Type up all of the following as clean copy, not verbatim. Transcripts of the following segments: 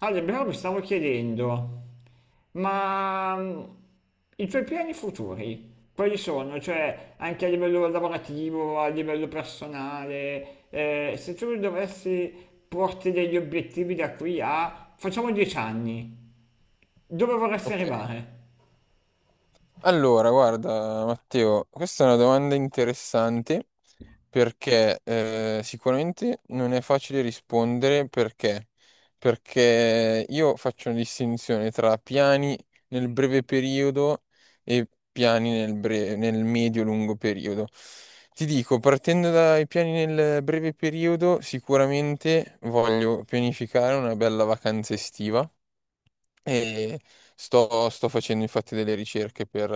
Ale, però mi stavo chiedendo, ma mm, i tuoi piani futuri, quali sono? Cioè, anche a livello lavorativo, a livello personale, se tu dovessi porti degli obiettivi da qui a, facciamo 10 anni, dove vorresti Ok, arrivare? allora guarda Matteo, questa è una domanda interessante perché sicuramente non è facile rispondere perché io faccio una distinzione tra piani nel breve periodo e piani nel medio-lungo periodo. Ti dico, partendo dai piani nel breve periodo, sicuramente voglio pianificare una bella vacanza estiva e sto facendo infatti delle ricerche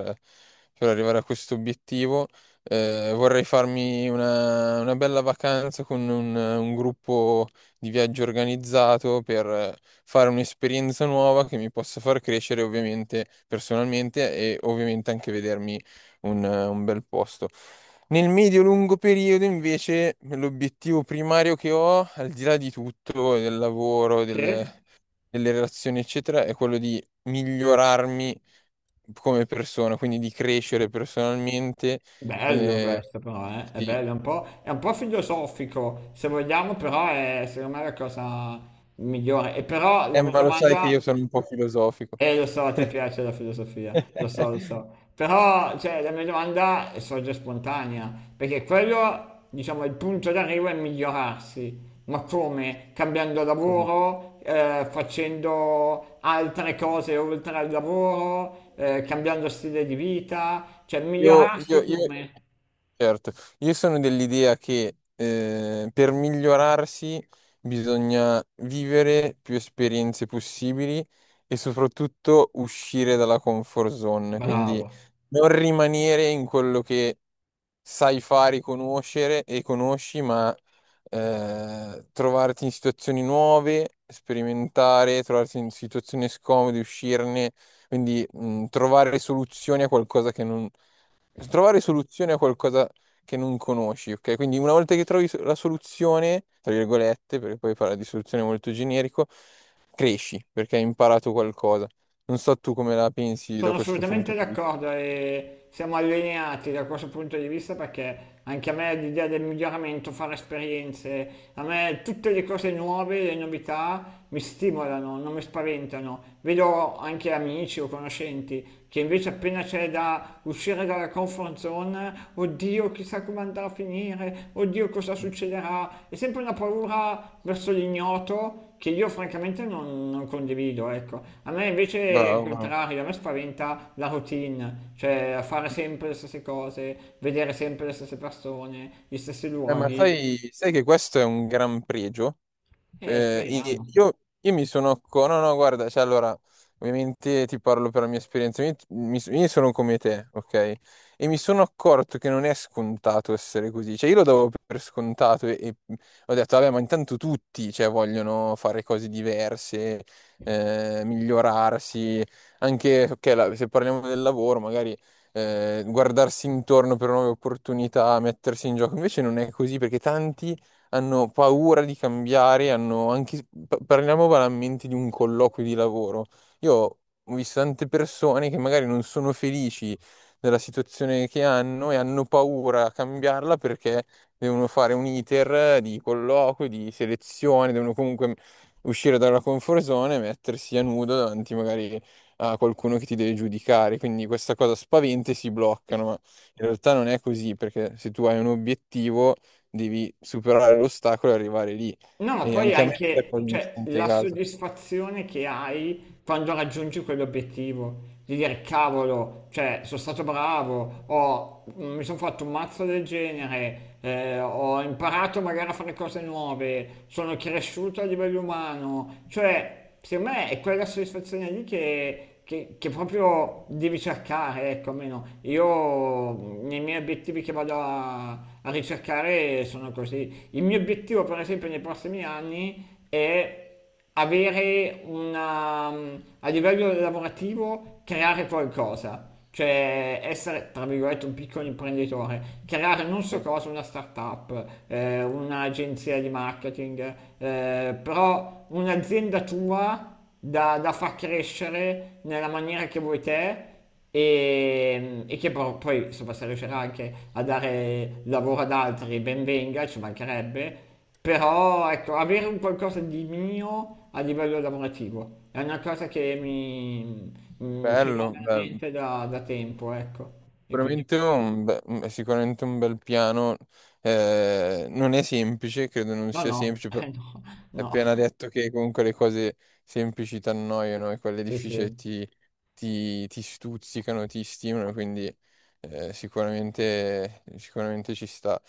per arrivare a questo obiettivo. Vorrei farmi una bella vacanza con un gruppo di viaggio organizzato per fare un'esperienza nuova che mi possa far crescere ovviamente personalmente e ovviamente anche vedermi un bel posto. Nel medio-lungo periodo, invece, l'obiettivo primario che ho, al di là di tutto, del lavoro, Sì? delle relazioni, eccetera, è quello di migliorarmi come persona, quindi di crescere personalmente. Bello Eh, questo però, eh? È sì. bello, è un po' filosofico, se vogliamo, però è secondo me la cosa migliore. E però la mia Ma lo sai che io domanda... sono un po' filosofico. Lo so, a te piace la filosofia, lo so, lo so. Però, cioè, la mia domanda sorge spontanea, perché quello, diciamo, il punto d'arrivo è migliorarsi. Ma come? Cambiando Come? lavoro, facendo altre cose oltre al lavoro, cambiando stile di vita, cioè Io, migliorarsi io, io- come? Certo, io sono dell'idea che per migliorarsi bisogna vivere più esperienze possibili e soprattutto uscire dalla comfort zone, quindi Bravo. non rimanere in quello che sai fare, conoscere e conosci, ma trovarti in situazioni nuove, sperimentare, trovarti in situazioni scomode, uscirne, quindi trovare soluzioni a qualcosa che non Trovare soluzione a qualcosa che non conosci, ok? Quindi una volta che la soluzione, tra virgolette, perché poi parla di soluzione molto generico, cresci perché hai imparato qualcosa. Non so tu come la pensi da Sono questo punto assolutamente di vista. d'accordo e siamo allineati da questo punto di vista perché anche a me l'idea del miglioramento, fare esperienze, a me tutte le cose nuove, le novità mi stimolano, non mi spaventano. Vedo anche amici o conoscenti che invece appena c'è da uscire dalla comfort zone, oddio chissà come andrà a finire, oddio cosa succederà, è sempre una paura verso l'ignoto che io francamente non condivido, ecco. A me invece è il Bravo, bravo. contrario, a me spaventa la routine, cioè fare sempre le stesse cose, vedere sempre le stesse persone, gli stessi Ma luoghi sai, sai che questo è un gran pregio. e I- speriamo. Io mi sono... co- No, no, guarda, cioè allora, ovviamente ti parlo per la mia esperienza, io sono come te, ok? E mi sono accorto che non è scontato essere così, cioè io lo davo per scontato e ho detto, vabbè, ma intanto tutti, cioè, vogliono fare cose diverse, migliorarsi, anche, ok, se parliamo del lavoro, magari guardarsi intorno per nuove opportunità, mettersi in gioco, invece non è così perché tanti hanno paura di cambiare, hanno anche, parliamo banalmente di un colloquio di lavoro. Io ho visto tante persone che magari non sono felici della situazione che hanno e hanno paura a cambiarla perché devono fare un iter di colloquio, di selezione, devono comunque uscire dalla comfort zone e mettersi a nudo davanti magari a qualcuno che ti deve giudicare. Quindi questa cosa spaventa e si bloccano, ma in realtà non è così, perché se tu hai un obiettivo devi superare l'ostacolo e arrivare lì. No, ma E poi anche a me sta anche, cosa mi sta cioè, la integrata. soddisfazione che hai quando raggiungi quell'obiettivo, di dire cavolo, cioè, sono stato bravo, mi sono fatto un mazzo del genere, ho imparato magari a fare cose nuove, sono cresciuto a livello umano, cioè, secondo me è quella soddisfazione lì che proprio devi cercare, ecco, almeno io nei miei obiettivi che vado a ricercare sono così. Il mio obiettivo, per esempio, nei prossimi anni è avere una, a livello lavorativo, creare qualcosa. Cioè essere, tra virgolette, un piccolo imprenditore, creare non so Sì. cosa, una startup, un'agenzia di marketing, però un'azienda tua da far crescere nella maniera che vuoi te e che però poi insomma, se riuscirà anche a dare lavoro ad altri, ben venga, ci mancherebbe, però ecco, avere un qualcosa di mio a livello lavorativo è una cosa mi ce l'ho Bello, nella bello. mente da tempo, ecco, e quindi Sicuramente è sicuramente un bel piano. Non è semplice, credo non no, sia no, semplice, però no, hai no, appena detto che comunque le cose semplici ti annoiano e quelle sì, difficili sì. ti, ti- ti stuzzicano, ti stimolano, quindi sicuramente, sicuramente ci sta.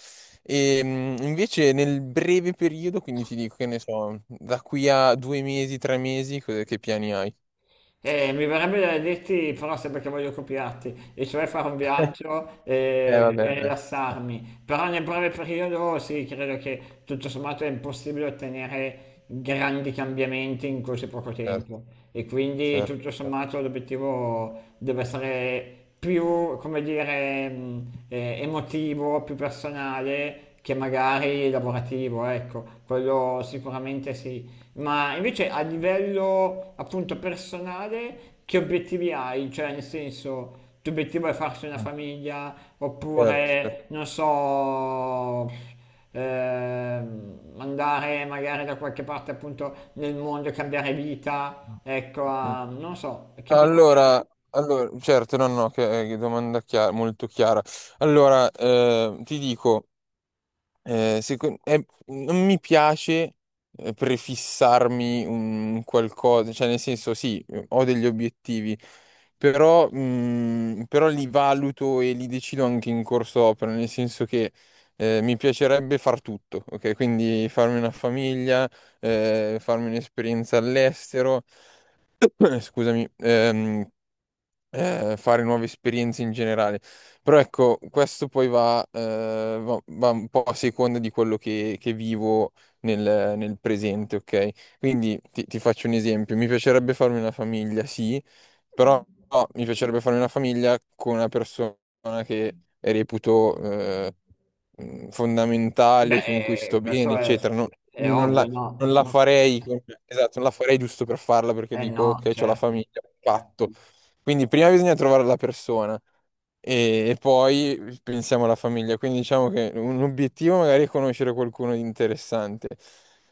E invece nel breve periodo, quindi ti dico che ne so, da qui a due mesi, tre mesi, che piani hai? Mi verrebbe da dirti, però sembra che voglio copiarti, e cioè fare un viaggio Vabbè, dai, ci sta. rilassarmi. Però nel breve periodo sì, credo che tutto sommato è impossibile ottenere grandi cambiamenti in così poco Certo, tempo. E quindi certo, tutto certo. sommato l'obiettivo deve essere più, come dire, emotivo, più personale che magari lavorativo, ecco, quello sicuramente sì. Ma invece a livello appunto personale, che obiettivi hai? Cioè, nel senso, il tuo obiettivo è farsi una Mm. famiglia Certo, certo. oppure, non so, andare magari da qualche parte appunto nel mondo, e cambiare Mm. vita, ecco, Mm. a- non so, che obiettivi hai? Allora, allora, certo, no, no, che domanda chiara, molto chiara. Allora, ti dico, non mi piace prefissarmi un qualcosa, cioè nel senso sì, ho degli obiettivi, però, però li valuto e li decido anche in corso opera, nel senso che mi piacerebbe far tutto, ok? Quindi farmi una famiglia, farmi un'esperienza all'estero. Scusami, fare nuove esperienze in generale. Però ecco, questo poi va, va un po' a seconda di quello che vivo nel presente, ok? Quindi ti faccio un esempio. Mi piacerebbe farmi una famiglia, sì, però no, mi piacerebbe farmi una famiglia con una persona che reputo, fondamentale, con cui Beh, sto bene, questo eccetera. Non, è quindi non ovvio, la, no? non la No. farei, esatto, non la farei giusto per farla perché Eh dico, no, ok, ho la certo. famiglia, patto. Quindi prima bisogna trovare la persona e poi pensiamo alla famiglia. Quindi diciamo che un obiettivo magari è conoscere qualcuno di interessante.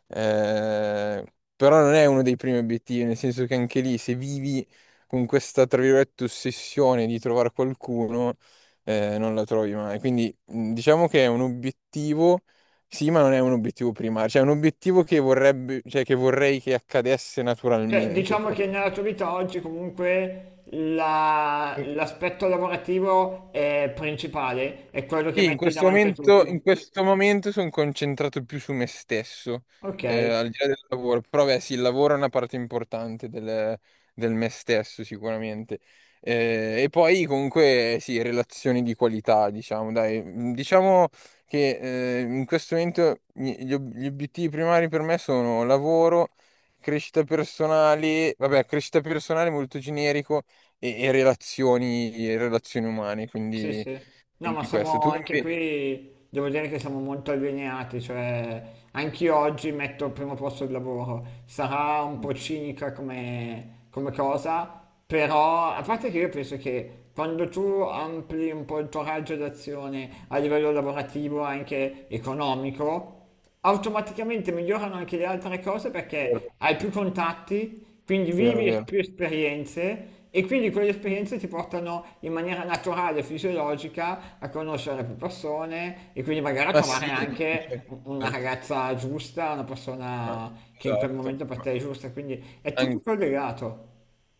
Eh, però non è uno dei primi obiettivi, nel senso che anche lì se vivi con questa, tra virgolette, ossessione di trovare qualcuno, non la trovi mai. Quindi diciamo che è un obiettivo, sì, ma non è un obiettivo primario, cioè è un obiettivo che vorrebbe, cioè che vorrei che accadesse Cioè, naturalmente. diciamo Ok? che nella tua vita oggi comunque la- l'aspetto lavorativo è principale, è quello che Sì, metti davanti a tutto. in questo momento sono concentrato più su me stesso, Ok, al di là del lavoro, però beh, sì, il lavoro è una parte importante del me stesso sicuramente. E poi comunque sì, relazioni di qualità, diciamo, dai. Mm, diciamo che in questo momento gli obiettivi primari per me sono lavoro, crescita personale, vabbè, crescita personale molto generico e relazioni umane, sì, quindi... sì. No, ma Quindi siamo anche qui, devo dire che siamo molto allineati, cioè anch'io oggi metto al primo posto il lavoro. Sarà un vero, po' cinica come, come cosa, però a parte che io penso che quando tu ampli un po' il tuo raggio d'azione a livello lavorativo, anche economico, automaticamente migliorano anche le altre cose perché hai più contatti, quindi vero, vivi es- vero. più esperienze e quindi quelle esperienze ti portano in maniera naturale, fisiologica, a conoscere più persone e quindi magari a Ma trovare sì, ma- ma anche cer- u- una certo, ragazza giusta, una ma- persona che in quel esatto. momento per te è giusta, quindi è tutto an- collegato.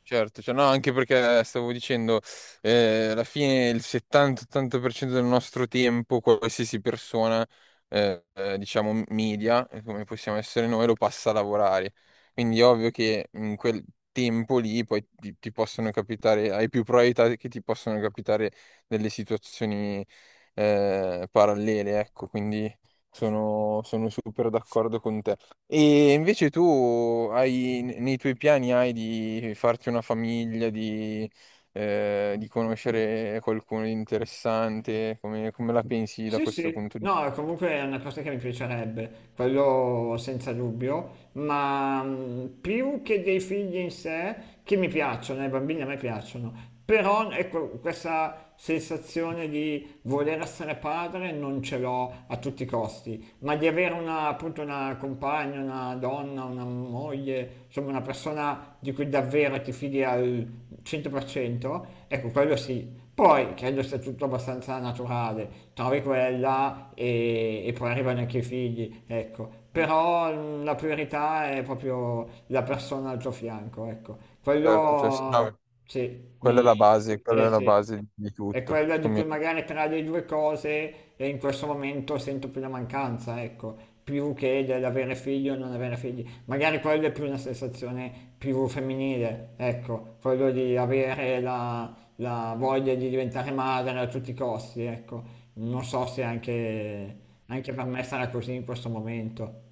Certo, cioè, no, anche perché stavo dicendo, alla fine il 70-80% del nostro tempo, qualsiasi persona, diciamo, media, come possiamo essere noi, lo passa a lavorare. Quindi è ovvio che in quel tempo lì poi ti possono capitare, hai più probabilità che ti possano capitare delle situazioni, parallele, ecco, quindi sono super d'accordo con te. E invece tu hai, nei tuoi piani hai di farti una famiglia, di conoscere qualcuno di interessante, come la pensi da Sì, questo sì, punto di no, comunque è una cosa che mi piacerebbe, quello senza dubbio, ma più che dei figli in sé, che mi piacciono, i bambini a me piacciono, però ecco, questa sensazione di voler essere padre non ce l'ho a tutti i costi, ma di avere una, appunto una compagna, una donna, una moglie, insomma una persona di cui davvero ti fidi quindi al 100%, ecco quello sì. Poi credo sia tutto abbastanza naturale, trovi quella e poi arrivano anche i figli, ecco. vista? Però la priorità è proprio la persona al tuo fianco, ecco. Certo, cioè, sì, Quello no, sì, quella mi... è la base, Eh quella è la sì. base di È tutto. quella di cui magari tra le due cose in questo momento sento più la mancanza, ecco, più che dell'avere figli o non avere figli magari quella è più una sensazione più femminile, ecco, quello di avere la, la voglia di diventare madre a tutti i costi, ecco. Non so se anche, anche per me sarà così in questo momento.